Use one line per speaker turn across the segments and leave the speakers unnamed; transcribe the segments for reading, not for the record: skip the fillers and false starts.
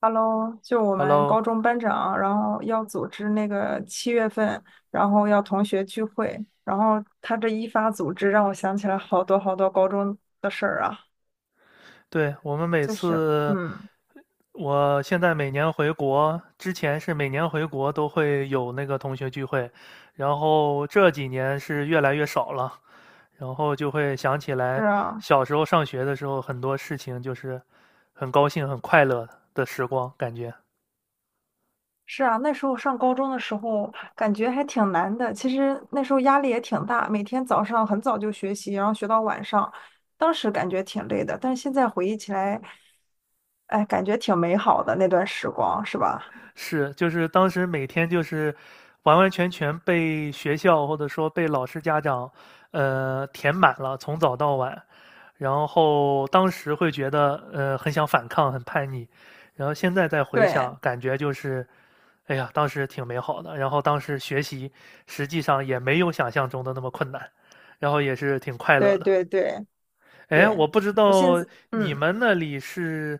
Hello，就我们
Hello，
高中班长，然后要组织那个7月份，然后要同学聚会，然后他这一发组织，让我想起来好多好多高中的事儿啊，
对，
就是，嗯，
我现在每年回国，之前是每年回国都会有那个同学聚会，然后这几年是越来越少了，然后就会想起
是
来
啊，
小时候上学的时候，很多事情就是很高兴、很快乐的时光，感觉。
是啊，那时候上高中的时候，感觉还挺难的，其实那时候压力也挺大，每天早上很早就学习，然后学到晚上，当时感觉挺累的，但是现在回忆起来，哎，感觉挺美好的那段时光，是吧？
是，就是当时每天就是完完全全被学校或者说被老师、家长，填满了，从早到晚。然后当时会觉得，很想反抗，很叛逆。然后现在再回想，
对，
感觉就是，哎呀，当时挺美好的。然后当时学习实际上也没有想象中的那么困难，然后也是挺快乐
对
的。
对对。
哎，
对，
我不知
我现
道
在，
你
嗯，
们那里是，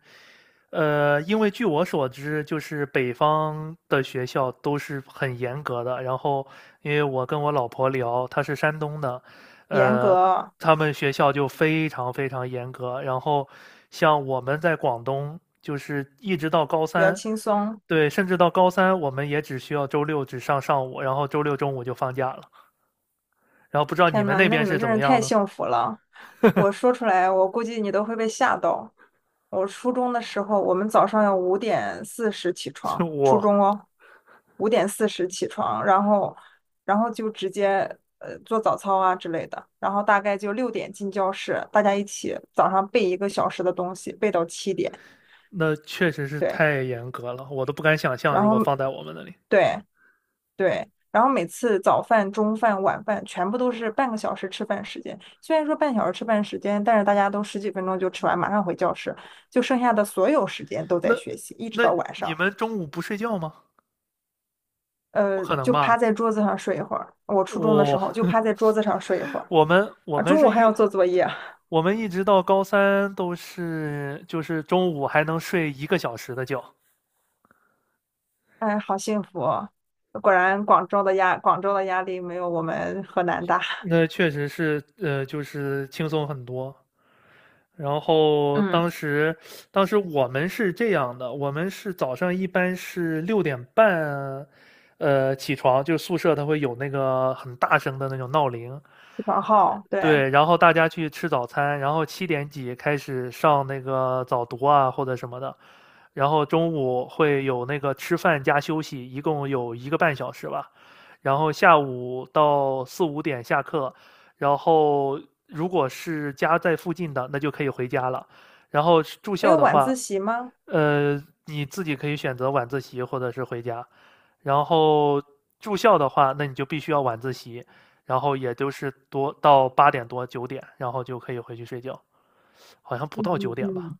因为据我所知，就是北方的学校都是很严格的。然后，因为我跟我老婆聊，她是山东的，
严
呃，
格
他们学校就非常非常严格。然后，像我们在广东，就是一直到高
比较
三，
轻松。
对，甚至到高三，我们也只需要周六只上上午，然后周六中午就放假了。然后不知道你
天
们
呐，
那
那
边
你们
是怎
真
么
是
样
太
呢？
幸福了！我说出来，我估计你都会被吓到。我初中的时候，我们早上要五点四十起
是
床，初
我。
中哦，五点四十起床，然后就直接做早操啊之类的，然后大概就6点进教室，大家一起早上背1个小时的东西，背到7点，
那确实是
对，
太严格了，我都不敢想象，
然
如
后
果放在我们那里，
对。对，然后每次早饭、中饭、晚饭全部都是半个小时吃饭时间。虽然说半小时吃饭时间，但是大家都十几分钟就吃完，马上回教室，就剩下的所有时间都在
那
学习，一直
那
到晚
你
上。
们中午不睡觉吗？不可能
就趴
吧？
在桌子上睡一会儿。我初中的时
我
候就趴 在桌子上睡一会儿
我们我
啊，
们
中午
是
还要
一
做作业，
我们一直到高三都是就是中午还能睡一个小时的觉，
哎，好幸福哦果然广州的压力没有我们河南大。
那确实是就是轻松很多。然后
嗯，
当时我们是这样的，我们是早上一般是6点半，起床，就是宿舍它会有那个很大声的那种闹铃，
起床号，对，
对，然后大家去吃早餐，然后七点几开始上那个早读啊或者什么的，然后中午会有那个吃饭加休息，一共有1个半小时吧。然后下午到四五点下课，然后如果是家在附近的，那就可以回家了。然后住
没
校
有
的
晚
话，
自习吗？
呃，你自己可以选择晚自习或者是回家。然后住校的话，那你就必须要晚自习。然后也就是多到八点多九点，然后就可以回去睡觉，好像不
嗯
到九
嗯
点吧。
嗯，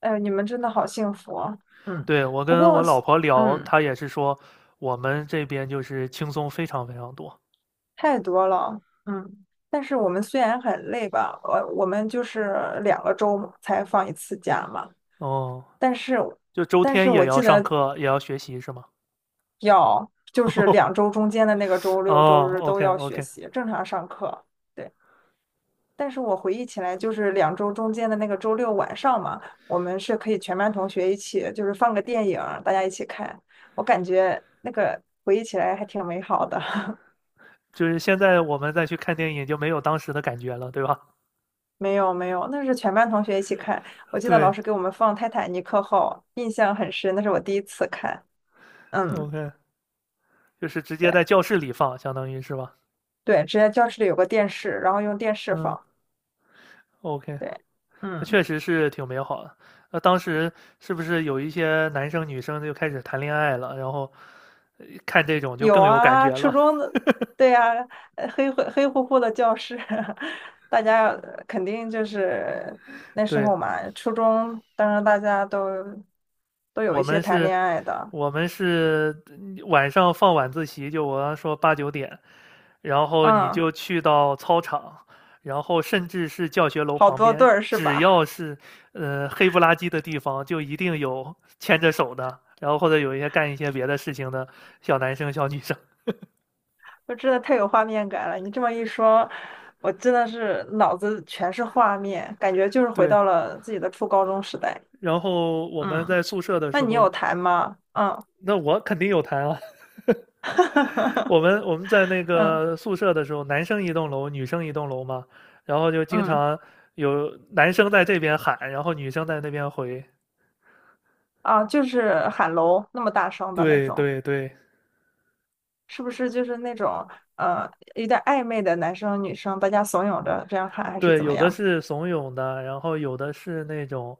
哎，你们真的好幸福啊嗯，
对，我
不
跟我
过，
老婆聊，
嗯，
她也是说我们这边就是轻松非常非常多。
太多了，嗯。但是我们虽然很累吧，我们就是2个周才放一次假嘛。
哦，
但是，
就周
但
天
是
也
我
要
记
上
得
课，也要学习是吗？
就是两 周中间的那个周六周
哦
日都
，OK
要学
OK。
习，正常上课。对，但是我回忆起来，就是两周中间的那个周六晚上嘛，我们是可以全班同学一起，就是放个电影，大家一起看。我感觉那个回忆起来还挺美好的。
就是现在我们再去看电影就没有当时的感觉了，对吧？
没有没有，那是全班同学一起看。我 记得
对
老师给我们放《泰坦尼克号》，印象很深，那是我第一次看。嗯，
，OK，就是直接
对
在教室里放，相当于是吧？
对，之前教室里有个电视，然后用电视
嗯
放。
，OK。
对，
那
嗯，
确实是挺美好的。那当时是不是有一些男生女生就开始谈恋爱了？然后看这种就
有
更有感
啊，
觉
初
了。
中的，对呀、黑乎乎的教室，大家肯定就是 那时
对，
候嘛，初中，当然大家都有
我
一些
们
谈
是，
恋爱的，
晚上放晚自习，就我刚说八九点，然后你
嗯，
就去到操场，然后甚至是教学楼
好
旁
多对
边，
儿是
只
吧？
要是黑不拉几的地方，就一定有牵着手的，然后或者有一些干一些别的事情的小男生小女生。
就真的太有画面感了。你这么一说，我真的是脑子全是画面，感觉就是回
对，
到了自己的初高中时代。
然后我们
嗯，
在宿舍的
那
时
你
候，
有弹吗？嗯，
那我肯定有谈啊。我们在那
嗯
个宿舍的时候，男生一栋楼，女生一栋楼嘛，然后就经
嗯
常有男生在这边喊，然后女生在那边回。
啊，就是喊楼那么大声的那
对
种，
对对
是不是就是那种呃有点暧昧的男生女生，大家怂恿着这样喊，还是
对，
怎么
有的
样？
是怂恿的，然后有的是那种，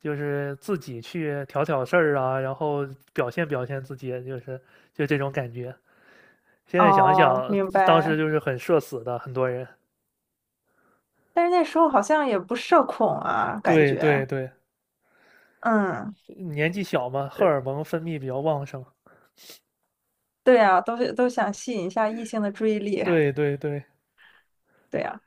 就是自己去挑挑事儿啊，然后表现表现自己，就是就这种感觉。现在想
哦，
想，
明
当时
白。
就是很社死的，很多人。
但是那时候好像也不社恐啊，感
对
觉
对对，
嗯。
年纪小嘛，荷尔蒙分泌比较旺盛。
对呀，都想吸引一下异性的注意力，
对对对，
对呀。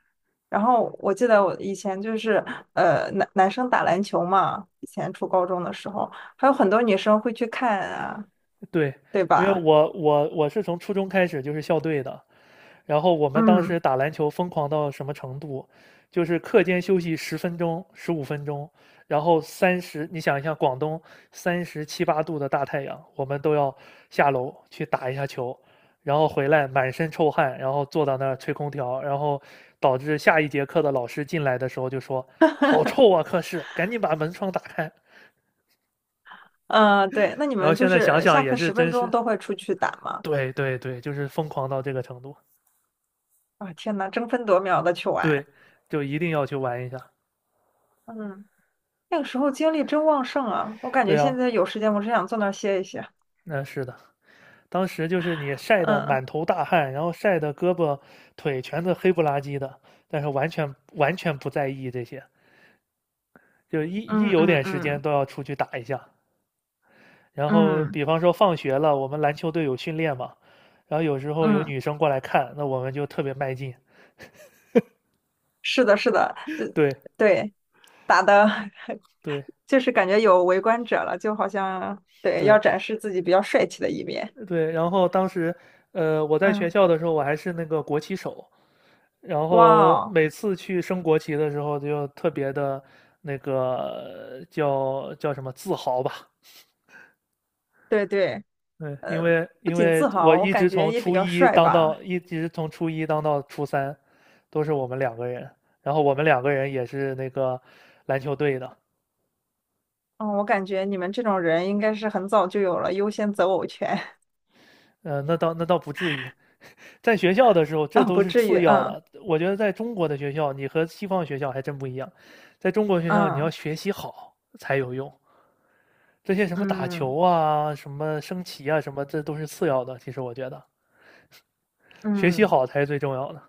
然后我记得我以前就是，男生打篮球嘛，以前初高中的时候，还有很多女生会去看啊，
对，
对
因为
吧？
我是从初中开始就是校队的，然后我们当
嗯
时打篮球疯狂到什么程度，就是课间休息10分钟、15分钟，然后你想一下，广东三十七八度的大太阳，我们都要下楼去打一下球，然后回来满身臭汗，然后坐到那儿吹空调，然后导致下一节课的老师进来的时候就说："好臭啊，课室，赶紧把门窗打开。"
嗯，对。那你
然后
们就
现在想
是
想
下
也
课
是，
十分
真
钟
是
都会出去打吗？
对对对，就是疯狂到这个程度，
啊，天呐，争分夺秒的去玩，
对，就一定要去玩一下。
嗯，那个时候精力真旺盛啊！我感觉
对
现
啊，
在有时间，我只想坐那儿歇一歇。
那是的，当时就是你晒得
嗯
满头大汗，然后晒得胳膊腿全是黑不拉几的，但是完全完全不在意这些，就一
嗯
有
嗯
点时间
嗯
都要出去打一下。然后，
嗯
比方说放学了，我们篮球队有训练嘛，然后有时候有
嗯，
女生过来看，那我们就特别卖劲。
是的，是的，就
对
对。打的，
对
就是感觉有围观者了，就好像对要
对
展示自己比较帅气的一面。
对，然后当时，我在学
嗯，
校的时候，我还是那个国旗手，然
哇
后
哦，
每次去升国旗的时候，就特别的那个叫叫什么自豪吧。
对对，
嗯，因
呃，
为
不
因
仅
为
自
我
豪，我
一
感
直
觉
从
也比
初
较
一
帅
当
吧。
到一直从初一当到初三，都是我们两个人。然后我们两个人也是那个篮球队的。
嗯，我感觉你们这种人应该是很早就有了优先择偶权
那倒不至于。在学校的 时候，这
啊，
都
不
是
至于。
次要
嗯
的。我觉得在中国的学校，你和西方学校还真不一样。在中国学校，你要
嗯
学习好才有用。这些什么打
嗯
球啊、什么升旗啊、什么，这都是次要的。其实我觉得，学习
嗯。
好才是最重要的。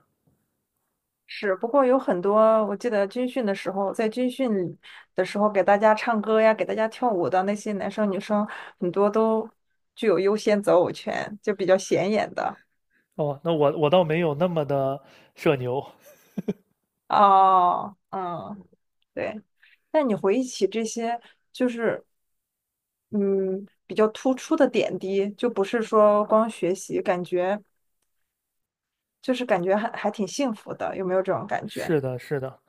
是，不过有很多，我记得军训的时候，在军训的时候给大家唱歌呀，给大家跳舞的那些男生女生，很多都具有优先择偶权，就比较显眼的。
哦，那我倒没有那么的社牛。
哦，嗯，对。但你回忆起这些，就是嗯，比较突出的点滴，就不是说光学习，感觉就是感觉还挺幸福的，有没有这种感觉？
是的，是的，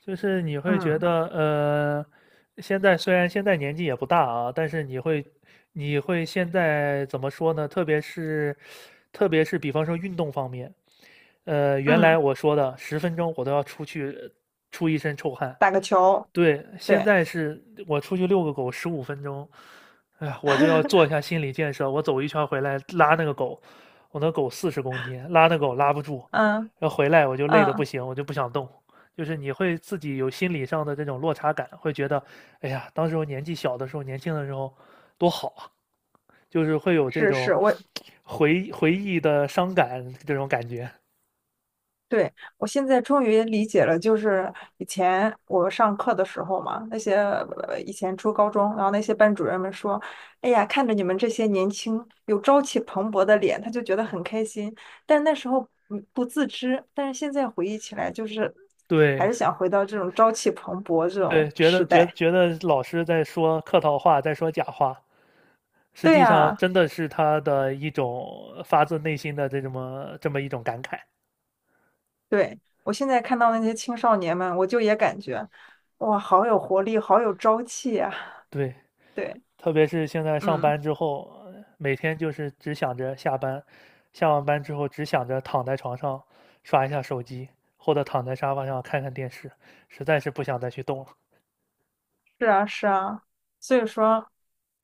就是你会觉
嗯
得，现在虽然现在年纪也不大啊，但是你会，你会现在怎么说呢？特别是比方说运动方面，原来
嗯，
我说的十分钟我都要出去出一身臭汗，
打个球，
对，现
对，
在是我出去遛个狗十五分钟，哎呀，我就要做一下心理建设。我走一圈回来拉那个狗，我那狗40公斤，拉那狗拉不住，
嗯
要回来我就累得不
嗯。
行，我就不想动。就是你会自己有心理上的这种落差感，会觉得，哎呀，当时我年纪小的时候，年轻的时候多好啊，就是会有这
是
种
是，
回忆的伤感这种感觉。
对，我现在终于理解了，就是以前我上课的时候嘛，那些以前初高中，然后那些班主任们说，哎呀，看着你们这些年轻有朝气蓬勃的脸，他就觉得很开心。但那时候不自知，但是现在回忆起来，就是还
对，
是想回到这种朝气蓬勃这
对，
种
觉
时
得觉
代。
觉得老师在说客套话，在说假话，实
对
际上
啊，
真的是他的一种发自内心的这么一种感慨。
对，我现在看到那些青少年们，我就也感觉，哇，好有活力，好有朝气啊。
对，
对，
特别是现在上
嗯。
班之后，每天就是只想着下班，下完班之后只想着躺在床上刷一下手机，或者躺在沙发上看看电视，实在是不想再去动了。
是啊，是啊，所以说，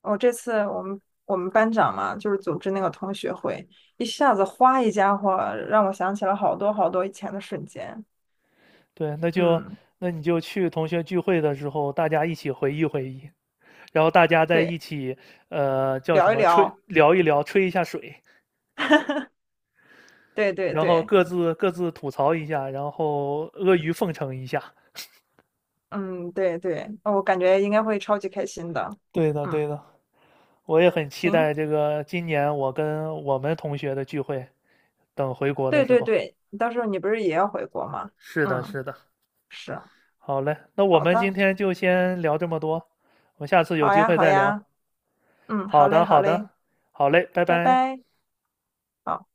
我这次我们班长嘛，就是组织那个同学会，一下子哗一家伙，让我想起了好多好多以前的瞬间。
对，
嗯，
那你就去同学聚会的时候，大家一起回忆回忆。然后大家在
对，
一起，叫什
聊一
么吹
聊，
聊一聊，吹一下水，
对对
然后
对，
各自吐槽一下，然后阿谀奉承一下。
嗯，对对，哦我感觉应该会超级开心的。
对的，
嗯，
对的，我也很期
行，
待这个今年我跟我们同学的聚会，等回国的
对
时
对
候。
对，到时候你不是也要回国吗？
是的，
嗯，
是的。
是，
好嘞，那我
好
们今
的，
天就先聊这么多，我们下次有
好
机
呀，
会
好
再聊。
呀，嗯，好
好
嘞，
的，
好
好
嘞，
的，好嘞，拜
拜
拜。
拜。好。